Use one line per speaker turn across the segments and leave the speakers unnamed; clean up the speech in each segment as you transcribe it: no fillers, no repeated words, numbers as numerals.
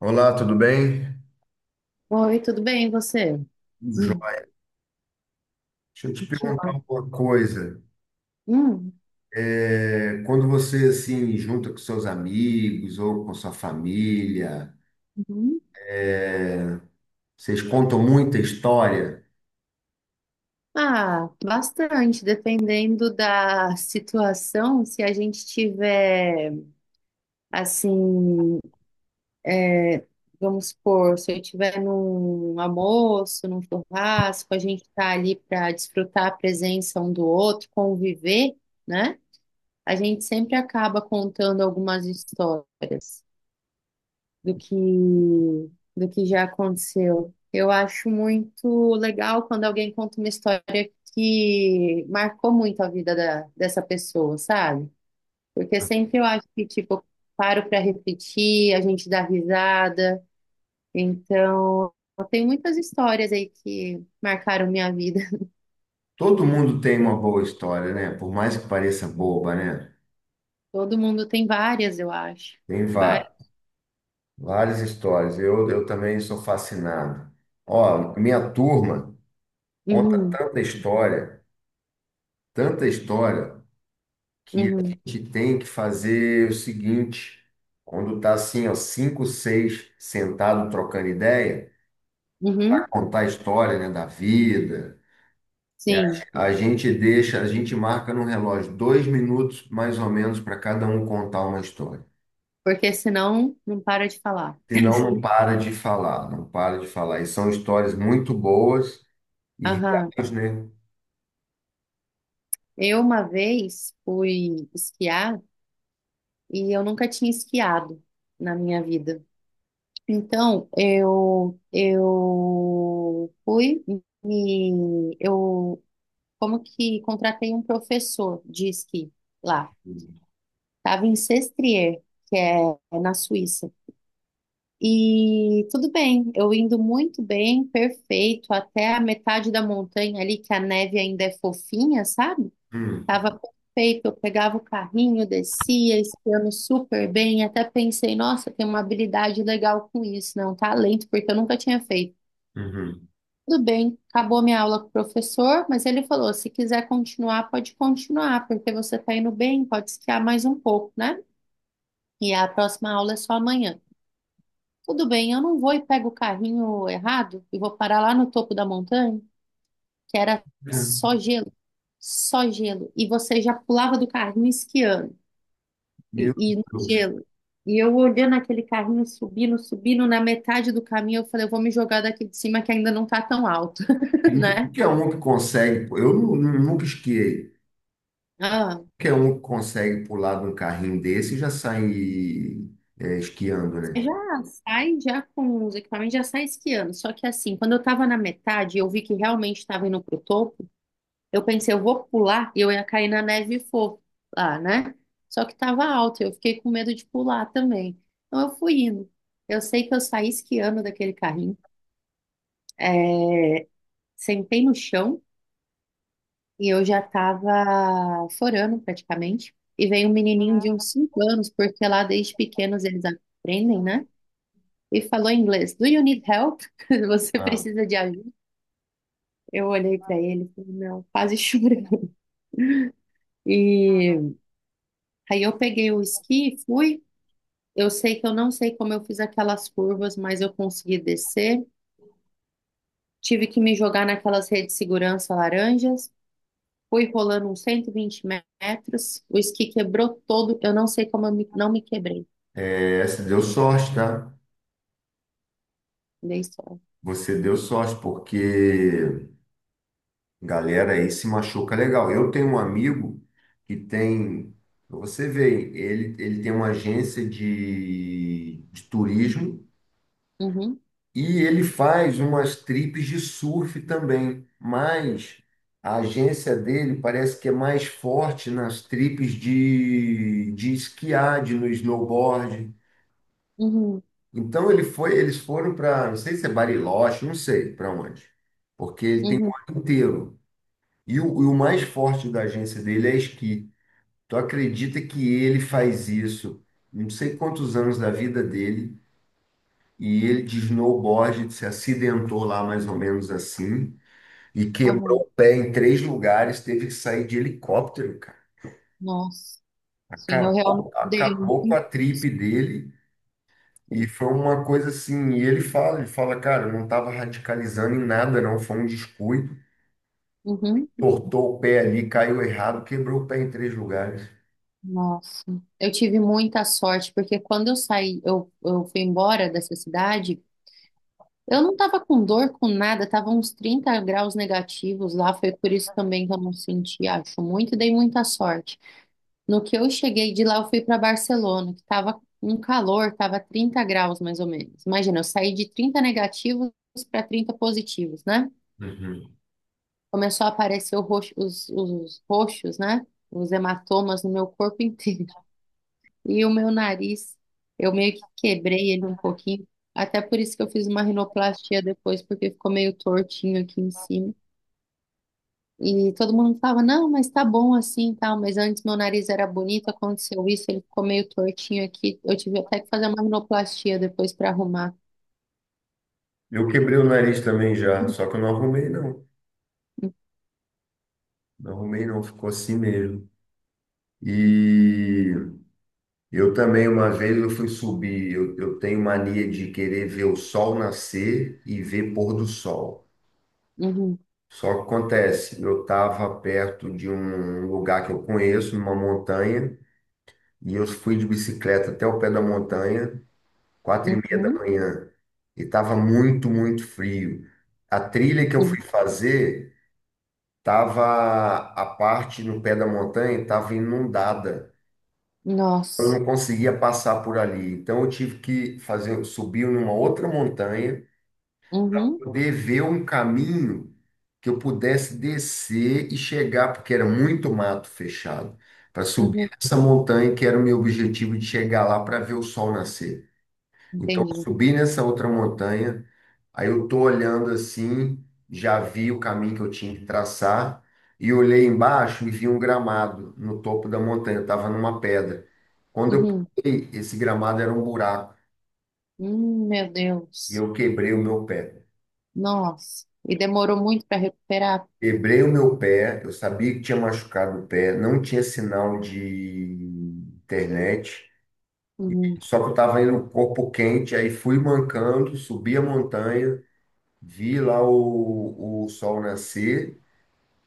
Olá, tudo bem?
Oi, tudo bem, e você?
Hum.
Hum,
Joia. Deixa eu te
que
perguntar
ótimo.
uma coisa.
Hum,
Quando você assim junta com seus amigos ou com sua família,
uhum.
é, vocês contam muita história.
Ah, bastante, dependendo da situação, se a gente tiver, assim, é, vamos supor, se eu tiver num almoço, num churrasco, a gente está ali para desfrutar a presença um do outro, conviver, né? A gente sempre acaba contando algumas histórias. do que do que já aconteceu. Eu acho muito legal quando alguém conta uma história que marcou muito a vida dessa pessoa, sabe? Porque sempre eu acho que, tipo, eu paro para refletir, a gente dá risada. Então, eu tenho muitas histórias aí que marcaram minha vida.
Todo mundo tem uma boa história, né? Por mais que pareça boba, né?
Todo mundo tem várias, eu acho.
Tem va-
Várias.
Várias histórias. Eu também sou fascinado. Ó, minha turma conta
Uhum,
tanta história, tanta história. Que
uhum,
a gente tem que fazer é o seguinte, quando tá assim, ó, cinco, seis sentado trocando ideia,
uhum.
contar a história, né, da vida, é, a
Sim,
a gente deixa, a gente marca no relógio dois minutos mais ou menos para cada um contar uma história.
porque senão não para de falar.
Senão não para de falar, não para de falar. E são histórias muito boas e
Aham.
reais, né?
Eu uma vez fui esquiar e eu nunca tinha esquiado na minha vida. Então, eu fui e eu como que contratei um professor de esqui lá. Tava em Sestrier, que é na Suíça. E tudo bem, eu indo muito bem, perfeito, até a metade da montanha ali que a neve ainda é fofinha, sabe?
Hum,
Tava perfeito, eu pegava o carrinho, descia, esquiando super bem, até pensei, nossa, tem uma habilidade legal com isso, não, talento, porque eu nunca tinha feito.
uhum.
Tudo bem, acabou minha aula com o professor, mas ele falou, se quiser continuar, pode continuar, porque você tá indo bem, pode esquiar mais um pouco, né? E a próxima aula é só amanhã. Tudo bem, eu não vou e pego o carrinho errado e vou parar lá no topo da montanha, que era
É.
só gelo, só gelo, e você já pulava do carrinho esquiando. E,
Meu
e no
Deus.
gelo. E eu olhando aquele carrinho subindo, subindo, na metade do caminho, eu falei, eu vou me jogar daqui de cima que ainda não tá tão alto,
E não é
né?
qualquer um que consegue, pô. Nunca esquiei.
Ah,
Qualquer um consegue pular de um carrinho desse e já sai, é, esquiando,
você
né?
já sai já com os equipamentos, já sai esquiando. Só que assim, quando eu tava na metade, e eu vi que realmente estava indo pro topo, eu pensei, eu vou pular e eu ia cair na neve fofa lá, né? Só que tava alto, eu fiquei com medo de pular também. Então eu fui indo. Eu sei que eu saí esquiando daquele carrinho. É, sentei no chão. E eu já tava forando praticamente. E veio um menininho de uns 5 anos, porque lá desde pequenos eles aprendem, né? E falou em inglês: Do you need help? Você
Ah.
precisa de ajuda? Eu olhei pra ele e falei: Não, quase chorando. E aí eu peguei o esqui e fui. Eu sei que eu não sei como eu fiz aquelas curvas, mas eu consegui descer. Tive que me jogar naquelas redes de segurança laranjas. Fui rolando uns 120 metros. O esqui quebrou todo. Eu não sei como não me quebrei.
Essa deu sorte, tá?
Dei sorte.
Você deu sorte, porque galera aí se machuca legal. Eu tenho um amigo que tem, pra você ver, ele tem uma agência de turismo.
Uhum,
E ele faz umas trips de surf também, mas a agência dele parece que é mais forte nas trips de esquiar, de no snowboard.
uhum,
Então ele foi, eles foram para, não sei se é Bariloche, não sei para onde, porque ele tem
uhum,
o ano inteiro. E o mais forte da agência dele é esqui. Tu acredita que ele faz isso? Não sei quantos anos da vida dele. E ele de snowboard se acidentou lá mais ou menos assim. E quebrou
aham.
o pé em três lugares, teve que sair de helicóptero, cara.
Nossa, sim, eu realmente
Acabou,
dei
acabou com
muito.
a trip dele. E foi uma coisa assim, e ele fala, cara, eu não estava radicalizando em nada, não, foi um descuido.
Uhum.
Tortou o pé ali, caiu errado, quebrou o pé em três lugares.
Nossa, eu tive muita sorte, porque quando eu saí, eu fui embora dessa cidade, eu não tava com dor, com nada, tava uns 30 graus negativos lá, foi por isso também que eu não senti, acho muito, e dei muita sorte. No que eu cheguei de lá, eu fui para Barcelona, que tava um calor, tava 30 graus mais ou menos. Imagina, eu saí de 30 negativos para 30 positivos, né?
Uhum.
Começou a aparecer os roxos, né? Os hematomas no meu corpo inteiro. E o meu nariz, eu meio que quebrei ele um pouquinho. Até por isso que eu fiz uma rinoplastia depois, porque ficou meio tortinho aqui em cima. E todo mundo falava, não, mas tá bom assim e tal. Mas antes meu nariz era bonito, aconteceu isso, ele ficou meio tortinho aqui. Eu tive até que fazer uma rinoplastia depois para arrumar.
Eu quebrei o nariz também já, só que eu não arrumei, não. Não arrumei, não, ficou assim mesmo. E eu também, uma vez eu fui subir, eu tenho mania de querer ver o sol nascer e ver pôr do sol.
Uhum,
Só que acontece, eu estava perto de um lugar que eu conheço, numa montanha, e eu fui de bicicleta até o pé da montanha, 4:30 da
uhum,
manhã, e estava muito, muito frio. A trilha que eu
uhum.
fui fazer, tava a parte no pé da montanha estava inundada. Eu
Nossa.
não conseguia passar por ali. Então eu tive que fazer, subir numa outra montanha,
Uhum,
poder ver um caminho que eu pudesse descer e chegar, porque era muito mato fechado, para subir
uhum.
essa montanha que era o meu objetivo de chegar lá para ver o sol nascer. Então, eu
Entendi.
subi nessa outra montanha, aí eu tô olhando assim, já vi o caminho que eu tinha que traçar, e olhei embaixo e vi um gramado no topo da montanha, eu estava numa pedra. Quando eu
Uhum.
pulei, esse gramado era um buraco,
Meu
e
Deus.
eu quebrei o meu pé.
Nossa. E demorou muito para recuperar?
Quebrei o meu pé, eu sabia que tinha machucado o pé, não tinha sinal de internet,
Hum,
só que eu estava indo com o corpo quente, aí fui mancando, subi a montanha, vi lá o sol nascer.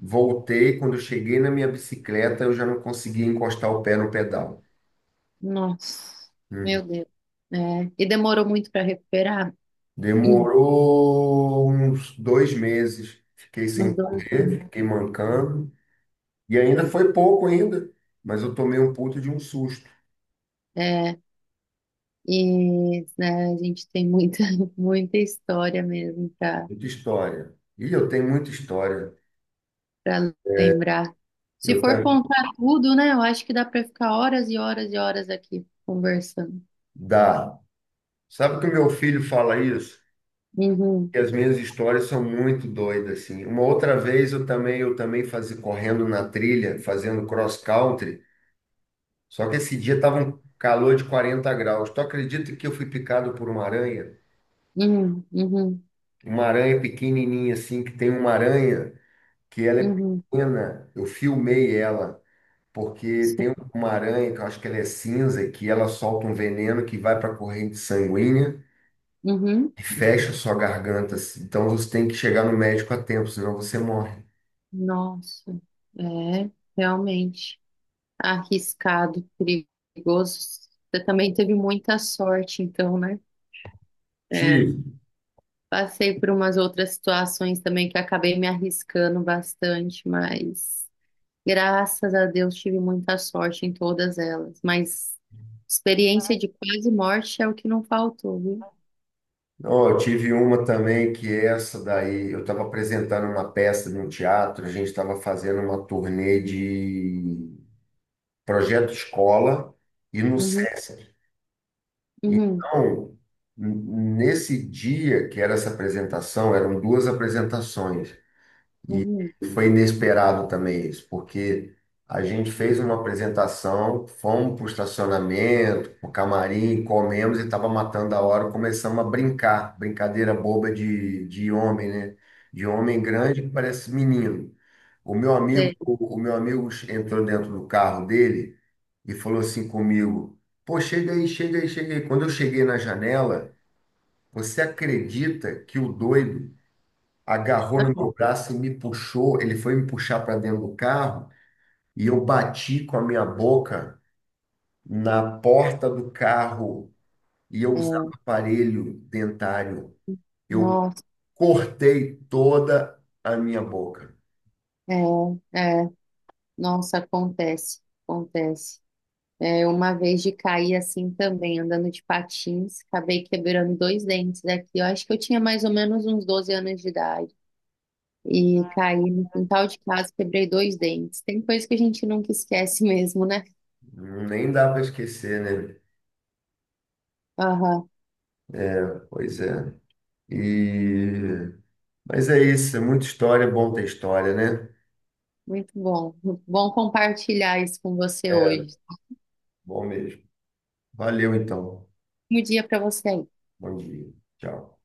Voltei, quando eu cheguei na minha bicicleta, eu já não conseguia encostar o pé no pedal.
nossa.
Uhum.
Meu Deus. É. E demorou muito para recuperar? Hum,
Demorou uns dois meses. Fiquei sem
Uns dois,
correr,
né?
fiquei mancando. E ainda foi pouco ainda, mas eu tomei um puto de um susto.
É. E né, a gente tem muita, muita história mesmo para
Muita história. E eu tenho muita história.
para lembrar. Se
Eu
for
tenho...
contar tudo, né? Eu acho que dá para ficar horas e horas e horas aqui conversando.
Dá. Sabe que o meu filho fala isso?
Uhum,
Que as minhas histórias são muito doidas, assim. Uma outra vez eu também fazia correndo na trilha, fazendo cross country. Só que esse dia tava um calor de 40 graus. Tu acredita que eu fui picado por uma aranha?
uhum, uhum,
Uma aranha pequenininha assim, que tem uma aranha que ela é
uhum,
pequena. Eu filmei ela, porque
sim,
tem uma aranha que eu acho que ela é cinza, que ela solta um veneno que vai para a corrente sanguínea
uhum.
e fecha sua garganta. Assim. Então você tem que chegar no médico a tempo, senão você morre.
Nossa, é realmente arriscado, perigoso. Você também teve muita sorte, então, né?
Te...
É, passei por umas outras situações também que acabei me arriscando bastante, mas graças a Deus tive muita sorte em todas elas. Mas experiência de quase morte é o que não faltou, viu?
Ó, eu tive uma também que essa daí, eu estava apresentando uma peça num teatro, a gente estava fazendo uma turnê de projeto escola e no
Uhum,
SESC.
uhum,
Então, nesse dia que era essa apresentação, eram duas apresentações.
uhum.
Foi inesperado também isso, porque a gente fez uma apresentação, fomos para o estacionamento, para o camarim, comemos e estava matando a hora, começamos a brincar, brincadeira boba de homem, né? De homem grande que parece menino.
Sei.
O meu amigo entrou dentro do carro dele e falou assim comigo: Pô, chega aí, chega aí, chega aí. Quando eu cheguei na janela, você acredita que o doido agarrou no meu
Ah,
braço e me puxou. Ele foi me puxar para dentro do carro e eu bati com a minha boca na porta do carro e eu
é,
usava aparelho dentário. Eu
nossa,
cortei toda a minha boca.
é, é, nossa, acontece, acontece. É, uma vez de cair assim também, andando de patins, acabei quebrando dois dentes aqui. Eu acho que eu tinha mais ou menos uns 12 anos de idade. E caí no quintal de casa, quebrei dois dentes. Tem coisa que a gente nunca esquece mesmo, né?
Nem dá para esquecer, né?
Aham,
É, pois é. E... Mas é isso, é muita história, é bom ter história, né?
muito bom. Muito bom compartilhar isso com você
É,
hoje.
bom mesmo. Valeu então.
Um dia para você aí.
Bom dia. Tchau.